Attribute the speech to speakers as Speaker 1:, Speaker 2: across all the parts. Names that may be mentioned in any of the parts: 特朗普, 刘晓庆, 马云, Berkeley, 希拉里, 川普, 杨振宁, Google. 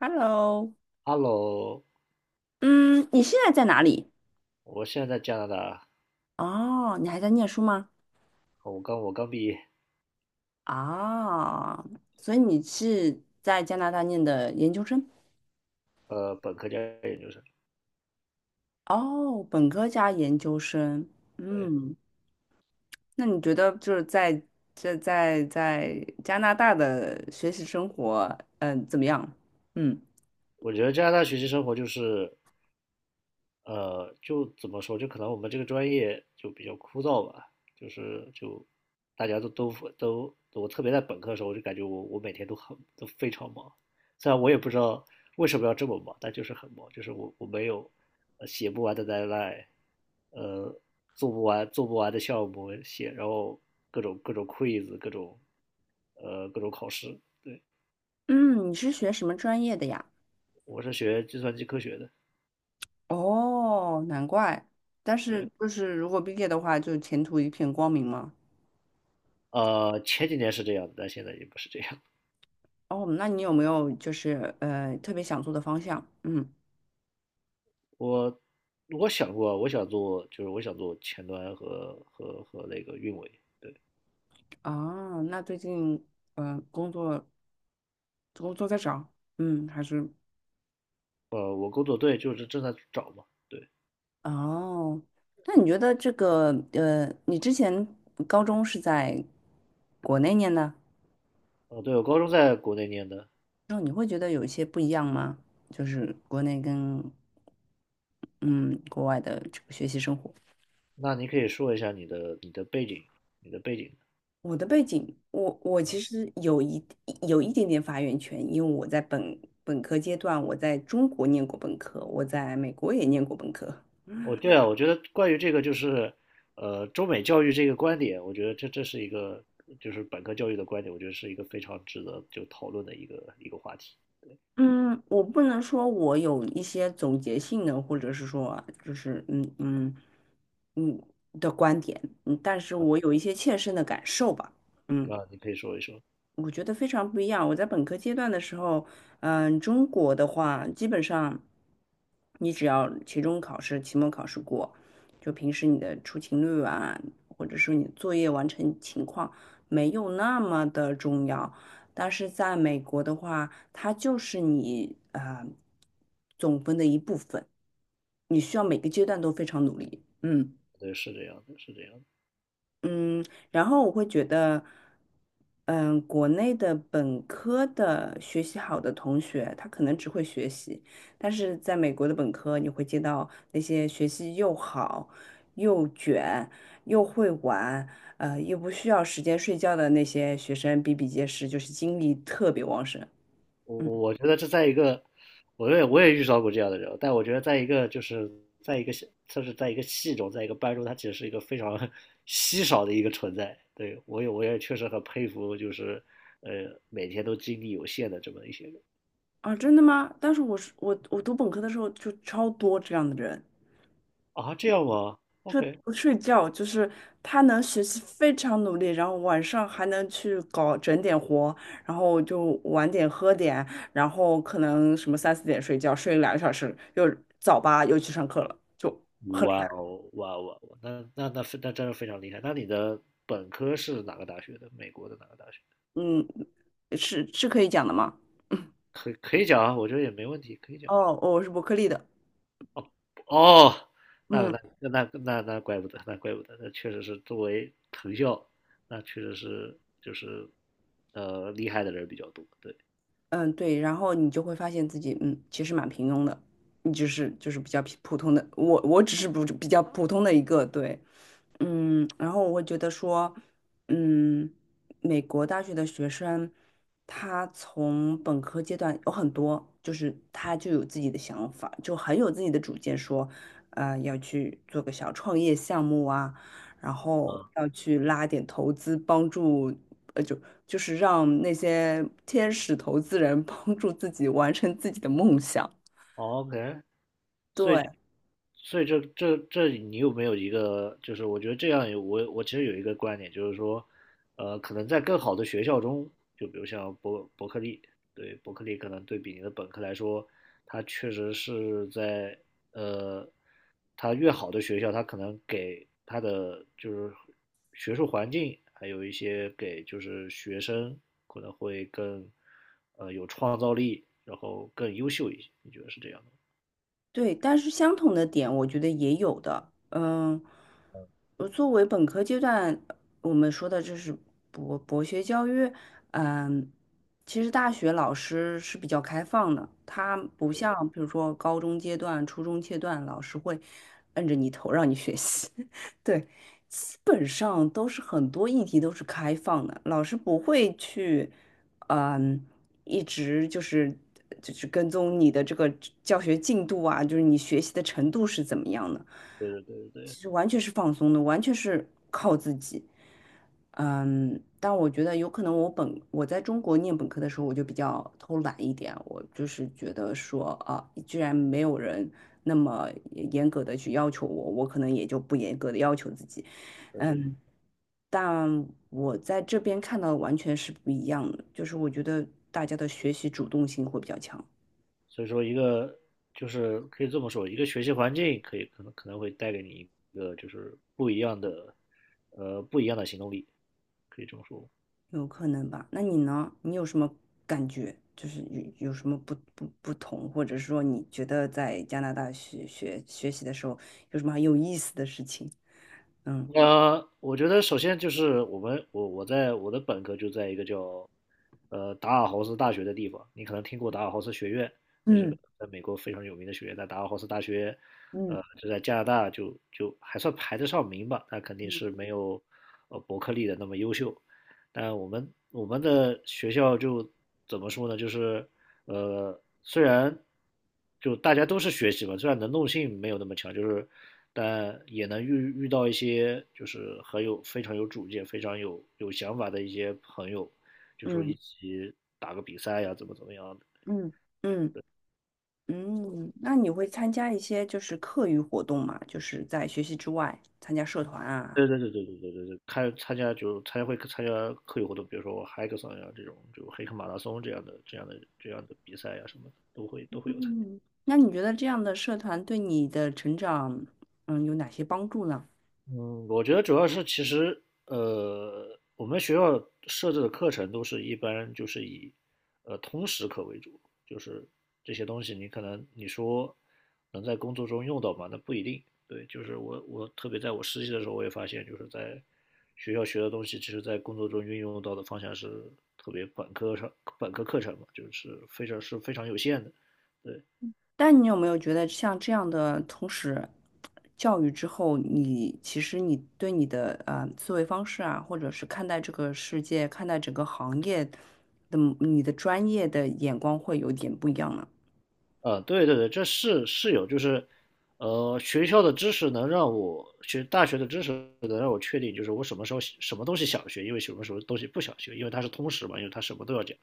Speaker 1: Hello，
Speaker 2: Hello。
Speaker 1: 嗯，你现在在哪里？
Speaker 2: 我现在在加拿大，
Speaker 1: 哦，你还在念书吗？
Speaker 2: 我刚毕业，
Speaker 1: 啊，所以你是在加拿大念的研究生？
Speaker 2: 本科加研究生。
Speaker 1: 哦，本科加研究生。
Speaker 2: 对，
Speaker 1: 嗯，那你觉得就是在加拿大的学习生活，怎么样？嗯
Speaker 2: 我觉得加拿大学习生活就是，就怎么说，就可能我们这个专业就比较枯燥吧，就是就大家都,我特别在本科的时候，我就感觉我每天都非常忙，虽然我也不知道为什么要这么忙，但就是很忙，就是我没有写不完的 deadline,呃，做不完的项目写，然后各种 quiz,各种。各种考试。对，
Speaker 1: 嗯，你是学什么专业的呀？
Speaker 2: 我是学计算机科学的。
Speaker 1: 哦，难怪。但是
Speaker 2: 对，
Speaker 1: 就是如果毕业的话，就前途一片光明嘛。
Speaker 2: 前几年是这样的，但现在也不是这样。
Speaker 1: 哦，那你有没有就是特别想做的方向？嗯，
Speaker 2: 我我想过，我想做，就是我想做前端和那个运维。对。
Speaker 1: 啊，那最近呃工作工作在找，还是。
Speaker 2: 我工作对，就是正在找嘛。对。
Speaker 1: 哦，那你觉得这个你之前高中是在国内念的，
Speaker 2: 对，我高中在国内念的。
Speaker 1: 那你会觉得有一些不一样吗？就是国内跟嗯国外的这个学习生活。
Speaker 2: 那你可以说一下你的背景，你的背景。
Speaker 1: 我的背景，我其实有一点点发言权，因为我在本科阶段，我在中国念过本科，我在美国也念过本科。
Speaker 2: 哦，对啊，我觉得关于这个就是，中美教育这个观点，我觉得这是一个就是本科教育的观点，我觉得是一个非常值得就讨论的一个话题。
Speaker 1: 嗯，我不能说我有一些总结性的，或者是说就是嗯的观点，嗯，但是我有一些切身的感受吧。嗯。
Speaker 2: 啊，你可以说一说。
Speaker 1: 我觉得非常不一样。我在本科阶段的时候，中国的话，基本上你只要期中考试、期末考试过，就平时你的出勤率啊，或者说你作业完成情况没有那么的重要。但是在美国的话，它就是你啊总分的一部分，你需要每个阶段都非常努力。嗯。
Speaker 2: 对，是这样的，是这样的。
Speaker 1: 嗯，然后我会觉得，嗯，国内的本科的学习好的同学，他可能只会学习，但是在美国的本科，你会接到那些学习又好、又卷、又会玩，又不需要时间睡觉的那些学生比比皆是，就是精力特别旺盛。
Speaker 2: 我
Speaker 1: 嗯。
Speaker 2: 我觉得这在一个，我也遇到过这样的人，但我觉得在一个在一个系就是在一个系中，在一个班中，他其实是一个非常 稀少的一个存在。对，我也确实很佩服，就是每天都精力有限的这么一些人。
Speaker 1: 啊，真的吗？但是我读本科的时候就超多这样的人。
Speaker 2: 啊，这样吗
Speaker 1: 就
Speaker 2: ？OK。
Speaker 1: 不睡觉，就是他能学习非常努力，然后晚上还能去搞整点活，然后就晚点喝点，然后可能什么三四点睡觉，睡2个小时，又早八又去上课了，就很厉
Speaker 2: 哇
Speaker 1: 害。
Speaker 2: 哦，哇哦，哇哦，那真的非常厉害。那你的本科是哪个大学的？美国的哪个大学？
Speaker 1: 嗯，是是可以讲的吗？
Speaker 2: 可以可以讲啊，我觉得也没问题，可以讲。
Speaker 1: 哦，我是伯克利的。
Speaker 2: 哦，那
Speaker 1: 嗯。
Speaker 2: 那那那那那怪不得，那怪不得，那确实是作为藤校，那确实是就是厉害的人比较多。对。
Speaker 1: 嗯，对，然后你就会发现自己，嗯，其实蛮平庸的，你只是就是比较普普通的，我我只是不比较普通的一个，对。嗯，然后我会觉得说，嗯，美国大学的学生，他从本科阶段有很多，就是他就有自己的想法，就很有自己的主见，说，要去做个小创业项目啊，然后
Speaker 2: 啊
Speaker 1: 要去拉点投资，帮助，呃，就就是让那些天使投资人 帮助自己完成自己的梦想。
Speaker 2: ，OK。所以
Speaker 1: 对。
Speaker 2: 所以这这这你有没有一个，就是我觉得这样有我其实有一个观点，就是说，可能在更好的学校中，就比如像伯克利，对，伯克利可能对比你的本科来说，它确实是在，呃，它越好的学校，它可能给它的就是学术环境，还有一些给就是学生可能会更有创造力，然后更优秀一些，你觉得是这样的
Speaker 1: 对，但是相同的点，我觉得也有的。嗯。作为本科阶段，我们说的这是博学教育。嗯，其实大学老师是比较开放的，他不像比如说高中阶段、初中阶段，老师会摁着你头让你学习。对，基本上都是很多议题都是开放的，老师不会去。嗯。一直就是跟踪你的这个教学进度啊，就是你学习的程度是怎么样的。
Speaker 2: 者。
Speaker 1: 其实完全是放松的，完全是靠自己。但我觉得有可能我在中国念本科的时候，我就比较偷懒一点，我就是觉得说啊，居然没有人那么严格的去要求我，我可能也就不严格的要求自己。嗯，但我在这边看到的完全是不一样的，就是我觉得大家的学习主动性会比较强。
Speaker 2: 所以说，一个就是可以这么说，一个学习环境可能会带给你一个就是不一样的，不一样的行动力，可以这么说。
Speaker 1: 有可能吧？那你呢？你有什么感觉？就是有什么不同，或者说你觉得在加拿大学习的时候有什么很有意思的事情？嗯
Speaker 2: 那我觉得首先就是我在我的本科就在一个叫达尔豪斯大学的地方，你可能听过达尔豪斯学院，那是个
Speaker 1: 嗯
Speaker 2: 在美国非常有名的学院。在达尔豪斯大学，
Speaker 1: 嗯
Speaker 2: 就在加拿大就还算排得上名吧，但肯定是没有伯克利的那么优秀。但我们的学校就怎么说呢？就是虽然就大家都是学习嘛，虽然能动性没有那么强，就是但也能遇到一些就是很有，非常有主见、非常有想法的一些朋友，就说一
Speaker 1: 嗯
Speaker 2: 起打个比赛呀，怎么样的。
Speaker 1: 嗯嗯嗯。那你会参加一些就是课余活动嘛，就是在学习之外参加社团
Speaker 2: 对
Speaker 1: 啊？
Speaker 2: 对对对对对对对，看参加就参加会参加课余活动，比如说我 hackathon 呀这种，就黑客马拉松这样的比赛呀什么的，都会有参加。
Speaker 1: 嗯，那你觉得这样的社团对你的成长，有哪些帮助呢？
Speaker 2: 嗯，我觉得主要是其实，我们学校设置的课程都是一般就是以通识课为主，就是这些东西你可能你说能在工作中用到吗？那不一定。对，就是我特别在我实习的时候，我也发现就是在学校学的东西，其实在工作中运用到的方向是特别本科课程嘛，就是非常是非常有限的。对。
Speaker 1: 但你有没有觉得像这样的从始教育之后，你其实你对你的思维方式啊，或者是看待这个世界、看待整个行业的你的专业的眼光会有点不一样呢？
Speaker 2: 对对对，这是是有，就是，学校的知识能让我学大学的知识能让我确定，就是我什么时候什么东西想学，因为什么时候东西不想学，因为它是通识嘛，因为它什么都要讲，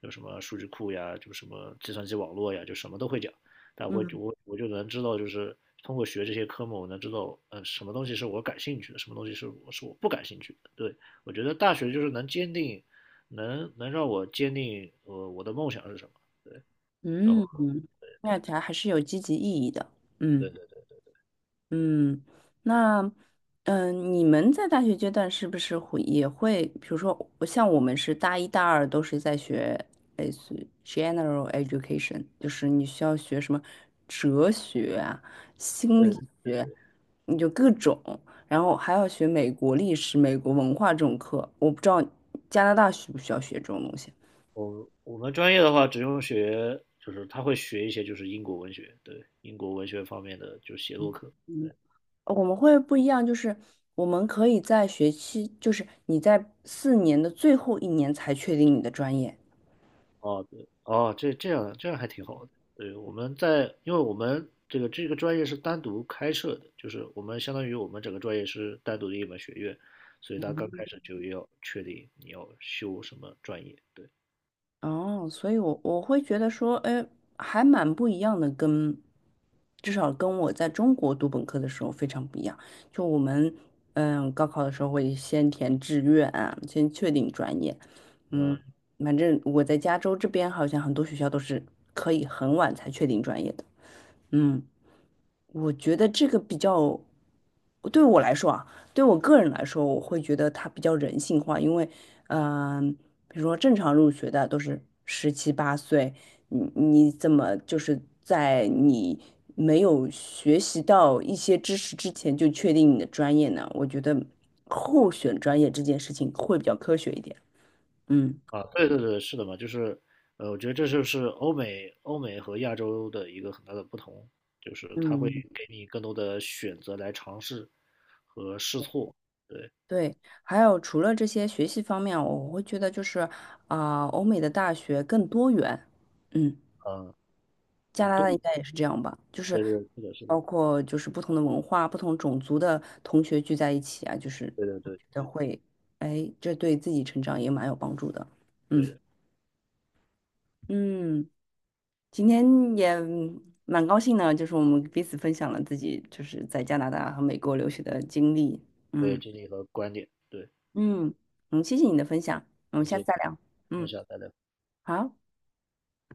Speaker 2: 有什么数据库呀，就什么计算机网络呀，就什么都会讲，但我就能知道，就是通过学这些科目，我能知道，什么东西是我感兴趣的，什么东西是我不感兴趣的。对，我觉得大学就是能能让我坚定，我的梦想是什么，然后
Speaker 1: 嗯，那它还是有积极意义的。
Speaker 2: 对
Speaker 1: 嗯。
Speaker 2: 对
Speaker 1: 嗯，那，你们在大学阶段是不是会也会，比如说，像我们是大一、大二都是在学类似于 general education，就是你需要学什么哲学啊、心
Speaker 2: 对。
Speaker 1: 理学，你就各种，然后还要学美国历史、美国文化这种课。我不知道加拿大需不需要学这种东西。
Speaker 2: 我们专业的话，只用学，就是他会学一些就是英国文学，对，英国文学方面的就是写作课。
Speaker 1: 我们会不一样，就是我们可以在学期，就是你在4年的最后一年才确定你的专业。
Speaker 2: 哦，对，哦，这样还挺好的。对，我们在，因为我们这个专业是单独开设的，就是我们相当于我们整个专业是单独的一门学院，所以他刚开始就要确定你要修什么专业。对。
Speaker 1: 哦，所以我我会觉得说，哎，还蛮不一样的跟，至少跟我在中国读本科的时候非常不一样。就我们，高考的时候会先填志愿啊，先确定专业。嗯，
Speaker 2: 呃
Speaker 1: 反正我在加州这边好像很多学校都是可以很晚才确定专业的。嗯，我觉得这个比较，对我来说啊，对我个人来说，我会觉得它比较人性化，因为，嗯、比如说正常入学的都是十七八岁，你你怎么就是在你没有学习到一些知识之前就确定你的专业呢？我觉得候选专业这件事情会比较科学一点。嗯
Speaker 2: 对对对，是的嘛，就是，我觉得这就是欧美和亚洲的一个很大的不同，就是它会
Speaker 1: 嗯，
Speaker 2: 给你更多的选择来尝试和试错。对。
Speaker 1: 对，还有除了这些学习方面，我会觉得就是啊、欧美的大学更多元。嗯，
Speaker 2: 嗯，
Speaker 1: 加
Speaker 2: 嗯，
Speaker 1: 拿
Speaker 2: 都，
Speaker 1: 大应该也是这样吧，就是
Speaker 2: 对对，是的，是的。
Speaker 1: 包括就是不同的文化、不同种族的同学聚在一起啊，就是
Speaker 2: 对对
Speaker 1: 我
Speaker 2: 对
Speaker 1: 觉得
Speaker 2: 对
Speaker 1: 会，哎，这对自己成长也蛮有帮助的。嗯
Speaker 2: 对
Speaker 1: 嗯，今天也蛮高兴的，就是我们彼此分享了自己就是在加拿大和美国留学的经历。
Speaker 2: 对，
Speaker 1: 嗯
Speaker 2: 经历和观点，对。
Speaker 1: 嗯嗯，谢谢你的分享，我们
Speaker 2: 那
Speaker 1: 下次
Speaker 2: 些，
Speaker 1: 再聊。
Speaker 2: 那
Speaker 1: 嗯。
Speaker 2: 下再聊。
Speaker 1: 好，